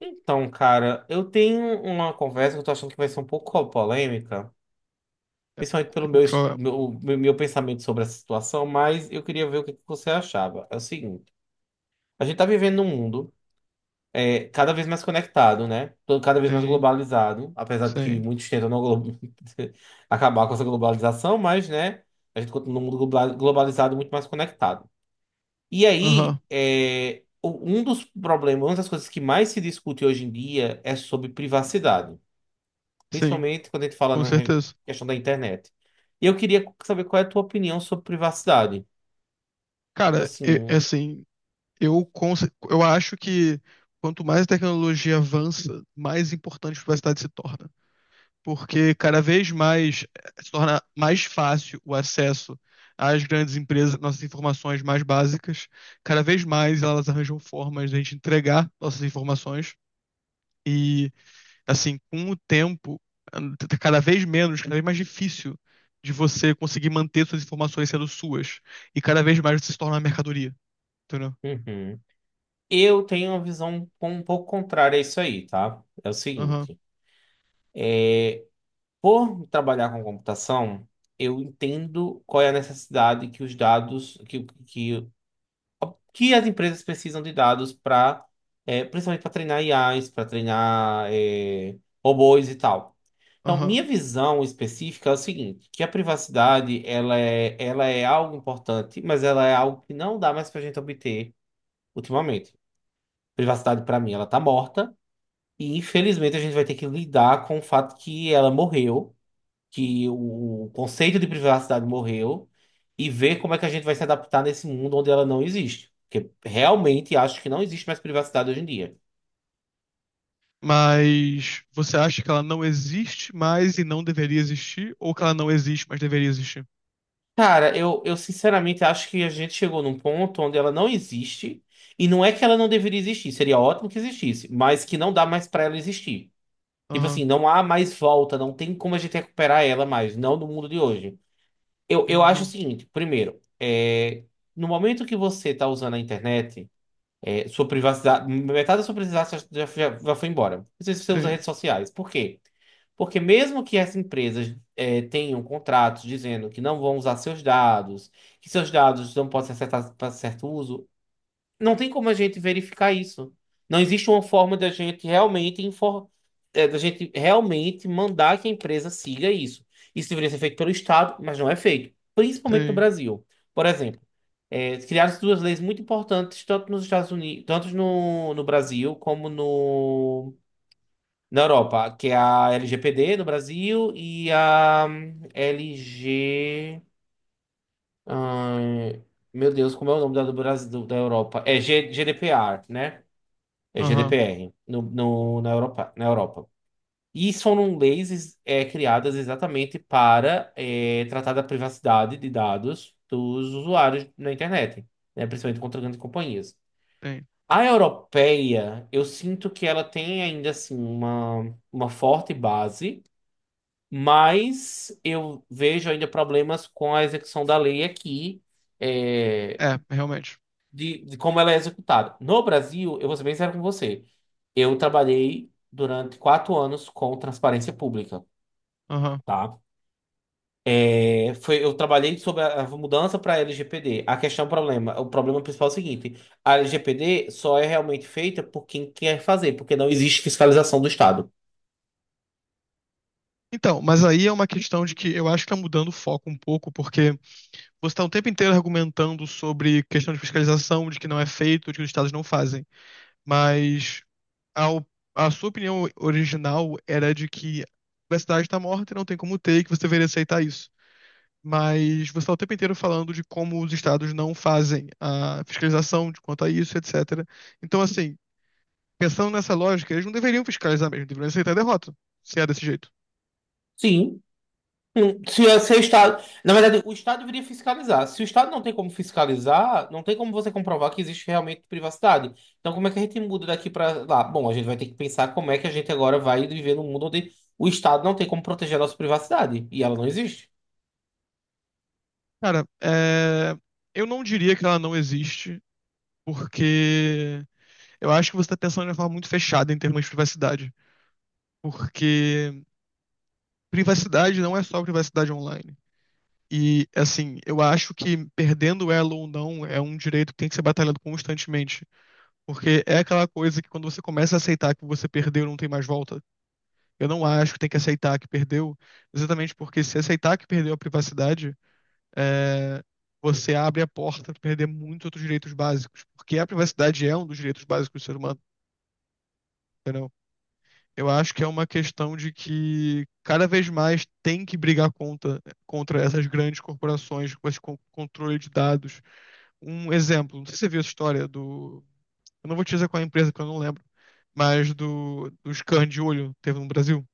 Então, cara, eu tenho uma conversa que eu tô achando que vai ser um pouco polêmica, principalmente pelo O meu, que est- eu... meu, meu meu pensamento sobre essa situação, mas eu queria ver o que que você achava. É o seguinte, a gente tá vivendo num mundo cada vez mais conectado, né? Cada vez mais Sim, globalizado, apesar de que sim. muitos tentam não glo- acabar com essa globalização, mas, né, a gente continua num mundo globalizado muito mais conectado. E aí, Aham, é, um dos problemas, uma das coisas que mais se discute hoje em dia é sobre privacidade. sim, Principalmente quando a gente fala com na certeza. questão da internet. E eu queria saber qual é a tua opinião sobre privacidade. Tipo Cara, é, é assim, assim, eu acho que quanto mais a tecnologia avança, mais importante a privacidade se torna. Porque cada vez mais se torna mais fácil o acesso às grandes empresas, nossas informações mais básicas. Cada vez mais elas arranjam formas de a gente entregar nossas informações. Assim, com o tempo, cada vez mais difícil de você conseguir manter suas informações sendo suas. E cada vez mais você se torna uma mercadoria, entendeu? uhum. Eu tenho uma visão um pouco contrária a isso aí, tá? É o Aham, seguinte, é, por trabalhar com computação, eu entendo qual é a necessidade que os dados, que as empresas precisam de dados para, principalmente para treinar IAs, para treinar, robôs e tal. Então, aham. minha visão específica é o seguinte, que a privacidade, ela é algo importante, mas ela é algo que não dá mais pra gente obter ultimamente. Privacidade, pra mim, ela tá morta, e infelizmente a gente vai ter que lidar com o fato que ela morreu, que o conceito de privacidade morreu, e ver como é que a gente vai se adaptar nesse mundo onde ela não existe. Porque realmente acho que não existe mais privacidade hoje em dia. Mas você acha que ela não existe mais e não deveria existir? Ou que ela não existe, mas deveria existir? Cara, eu sinceramente acho que a gente chegou num ponto onde ela não existe. E não é que ela não deveria existir, seria ótimo que existisse, mas que não dá mais pra ela existir. Tipo assim, Aham, não há mais volta, não tem como a gente recuperar ela mais, não no mundo de hoje. Eu acho o entendi. seguinte: primeiro, no momento que você tá usando a internet, sua privacidade, metade da sua privacidade já foi embora. Não sei se você usa Sim, redes sociais. Por quê? Porque mesmo que essas empresas tenham contratos dizendo que não vão usar seus dados, que seus dados não podem ser acessados para certo uso, não tem como a gente verificar isso. Não existe uma forma da gente da gente realmente mandar que a empresa siga isso. Isso deveria ser feito pelo Estado, mas não é feito, principalmente no sim. Brasil. Por exemplo, criaram-se duas leis muito importantes, tanto nos Estados Unidos, tanto no Brasil como no na Europa, que é a LGPD no Brasil e a LG. Ai, meu Deus, como é o nome do Brasil, da Europa? É GDPR, né? É Aham, GDPR na Europa, na Europa. E são leis criadas exatamente para tratar da privacidade de dados dos usuários na internet, né? Principalmente contra grandes companhias. sim. A europeia, eu sinto que ela tem ainda assim uma forte base. Mas eu vejo ainda problemas com a execução da lei aqui, é, É, realmente. De como ela é executada. No Brasil, eu vou ser bem sério com você, eu trabalhei durante quatro anos com transparência pública, Aham. tá? Eu trabalhei sobre a mudança para a LGPD. A questão, o problema principal é o seguinte: a LGPD só é realmente feita por quem quer fazer, porque não existe fiscalização do Estado. Então, mas aí é uma questão de que eu acho que tá mudando o foco um pouco, porque você está o tempo inteiro argumentando sobre questão de fiscalização, de que não é feito, de que os estados não fazem. Mas ao- sua opinião original era de que a cidade está morta e não tem como ter, e que você deveria aceitar isso. Mas você está o tempo inteiro falando de como os estados não fazem a fiscalização de quanto a isso, etc. Então, assim, pensando nessa lógica, eles não deveriam fiscalizar mesmo, deveriam aceitar a derrota, se é desse jeito. Sim, se é o Estado. Na verdade, o Estado deveria fiscalizar. Se o Estado não tem como fiscalizar, não tem como você comprovar que existe realmente privacidade. Então, como é que a gente muda daqui para lá? Bom, a gente vai ter que pensar como é que a gente agora vai viver num mundo onde o Estado não tem como proteger a nossa privacidade. E ela não existe. Cara, é, eu não diria que ela não existe, porque eu acho que você está pensando de uma forma muito fechada em termos de privacidade, porque privacidade não é só privacidade online. E, assim, eu acho que perdendo ela ou não é um direito que tem que ser batalhado constantemente. Porque é aquela coisa que quando você começa a aceitar que você perdeu, não tem mais volta. Eu não acho que tem que aceitar que perdeu, exatamente porque se aceitar que perdeu a privacidade, é, você abre a porta para perder muitos outros direitos básicos. Porque a privacidade é um dos direitos básicos do ser humano, entendeu? Eu acho que é uma questão de que cada vez mais tem que brigar contra essas grandes corporações com esse controle de dados. Um exemplo, não sei se você viu essa história do. Eu não vou te dizer qual é a empresa, porque eu não lembro, mas do scan de olho teve no Brasil.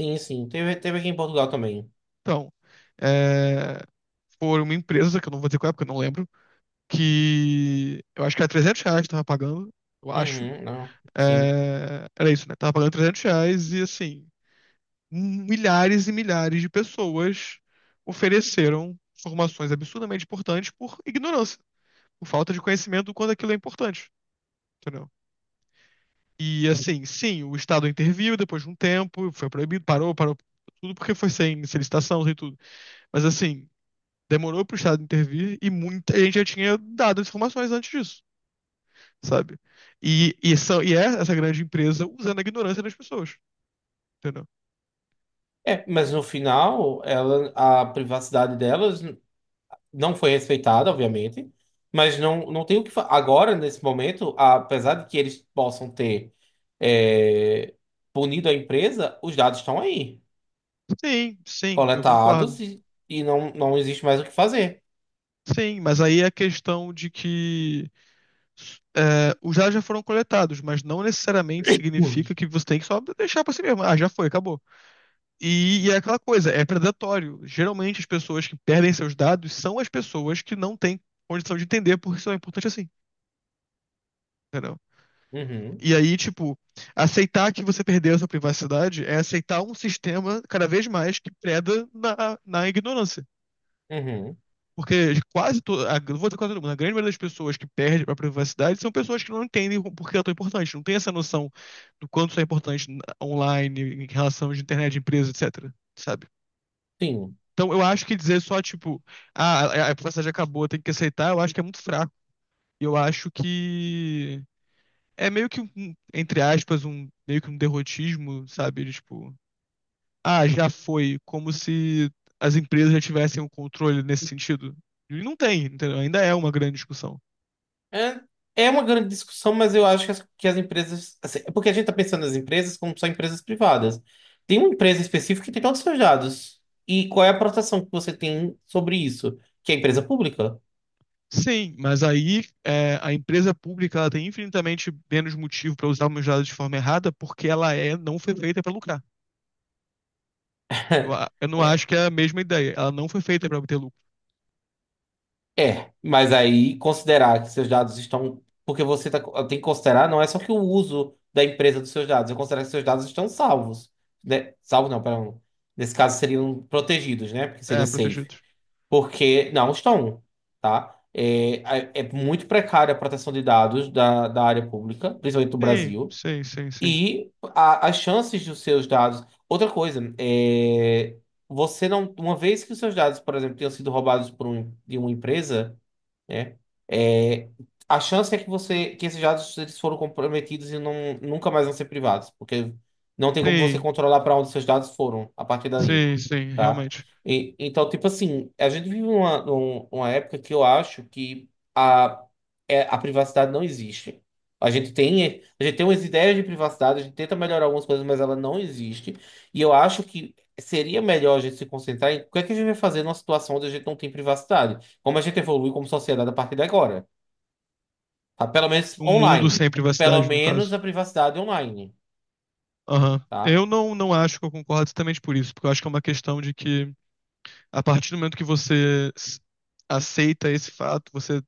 Sim, sim. Teve, teve aqui em Portugal também. Então, é, foi uma empresa, que eu não vou dizer qual é, porque eu não lembro, que eu acho que era R$ 300 que tava pagando, eu acho. Uhum, não. Sim. É, era isso, né? Tava pagando R$ 300 e assim, milhares e milhares de pessoas ofereceram informações absurdamente importantes por ignorância, por falta de conhecimento do quanto aquilo é importante, entendeu? E assim, sim, o Estado interviu depois de um tempo, foi proibido, parou tudo porque foi sem solicitação, sem tudo. Mas assim, demorou pro Estado intervir e muita gente já tinha dado as informações antes disso, sabe? E é essa grande empresa usando a ignorância das pessoas, entendeu? É, mas no final, ela, a privacidade delas não foi respeitada, obviamente, mas não, não tem o que fa... Agora, nesse momento, apesar de que eles possam ter é, punido a empresa, os dados estão aí, Sim, sim, eu concordo. coletados, e não, não existe mais o que fazer. Sim, mas aí é a questão de que é, os dados já foram coletados, mas não necessariamente Uhum. significa que você tem que só deixar pra si mesmo. Ah, já foi, acabou. E é aquela coisa, é predatório. Geralmente as pessoas que perdem seus dados são as pessoas que não têm condição de entender porque isso é importante assim, entendeu? Uhum, E aí, tipo, aceitar que você perdeu a sua privacidade é aceitar um sistema cada vez mais que preda na ignorância. uhum, Porque não vou dizer quase todo mundo, a grande maioria das pessoas que perdem a privacidade são pessoas que não entendem por que ela é tão importante, não tem essa noção do quanto isso é importante online, em relação de internet, de empresa, etc, sabe? sim. Então eu acho que dizer só, tipo, a privacidade acabou, tem que aceitar, eu acho que é muito fraco. Eu acho que é entre aspas, um meio que um derrotismo, sabe? De, tipo, ah, já foi, como se as empresas já tivessem um controle nesse sentido. E não tem, entendeu? Ainda é uma grande discussão. É, é uma grande discussão, mas eu acho que que as empresas, assim, é porque a gente está pensando nas empresas como só empresas privadas. Tem uma empresa específica que tem todos os seus dados. E qual é a proteção que você tem sobre isso? Que é a empresa pública. Sim, mas aí é, a empresa pública ela tem infinitamente menos motivo para usar meus dados de forma errada porque ela é, não foi feita para lucrar. Eu não acho que é a mesma ideia. Ela não foi feita para obter lucro. É, mas aí considerar que seus dados estão. Porque tem que considerar, não é só que o uso da empresa dos seus dados, eu considero que seus dados estão salvos. Né? Salvos não, perdão. Nesse caso seriam protegidos, né? Porque É, seria safe. protegidos. Porque não estão, tá? É, é muito precária a proteção de dados da área pública, principalmente do Sim, Brasil. sim, sim, sim. E as chances dos seus dados. Outra coisa, você não. Uma vez que os seus dados, por exemplo, tenham sido roubados de uma empresa, né? É, a chance é que esses dados eles foram comprometidos e não, nunca mais vão ser privados, porque não tem como você Sim. controlar para onde seus dados foram a partir daí, Sim, sim, tá? realmente. Então, tipo assim, a gente vive uma época que eu acho que a, a privacidade não existe. A gente tem umas ideias de privacidade, a gente tenta melhorar algumas coisas, mas ela não existe. E eu acho que seria melhor a gente se concentrar em o que é que a gente vai fazer numa situação onde a gente não tem privacidade. Como a gente evolui como sociedade a partir de agora, tá? Pelo menos O mundo online. sem Pelo privacidade, no menos caso. a privacidade online, Aham. tá? Eu não, não acho que eu concordo exatamente por isso, porque eu acho que é uma questão de que, a partir do momento que você aceita esse fato, você.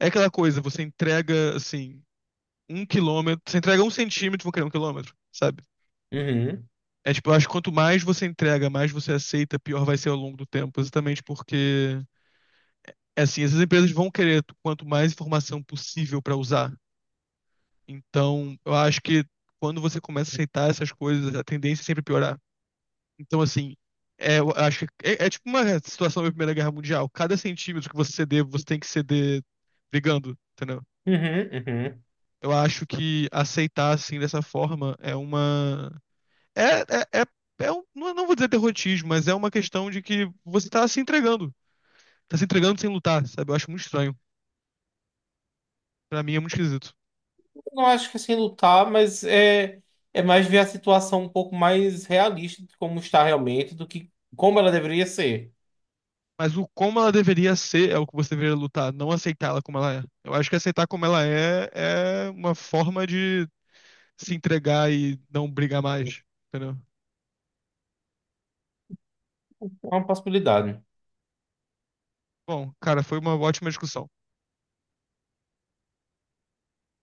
É aquela coisa, você entrega, assim, um quilômetro. Você entrega um centímetro, vou criar um quilômetro, sabe? Uhum, É tipo, eu acho que quanto mais você entrega, mais você aceita, pior vai ser ao longo do tempo. Exatamente porque, é assim, essas empresas vão querer quanto mais informação possível pra usar. Então, eu acho que quando você começa a aceitar essas coisas, a tendência é sempre piorar. Então, assim, é, eu acho que é tipo uma situação da Primeira Guerra Mundial. Cada centímetro que você ceder, você tem que ceder brigando, entendeu? uhum, uhum. Eu acho que aceitar assim dessa forma é uma. É, é, é, não não vou dizer derrotismo, mas é uma questão de que você tá se entregando. Tá se entregando sem lutar, sabe? Eu acho muito estranho. Pra mim é muito esquisito. Não acho que assim lutar, mas é, é mais ver a situação um pouco mais realista de como está realmente do que como ela deveria ser. Mas o como ela deveria ser é o que você deveria lutar, não aceitar ela como ela é. Eu acho que aceitar como ela é é uma forma de se entregar e não brigar mais, entendeu? É uma possibilidade. Bom, cara, foi uma ótima discussão.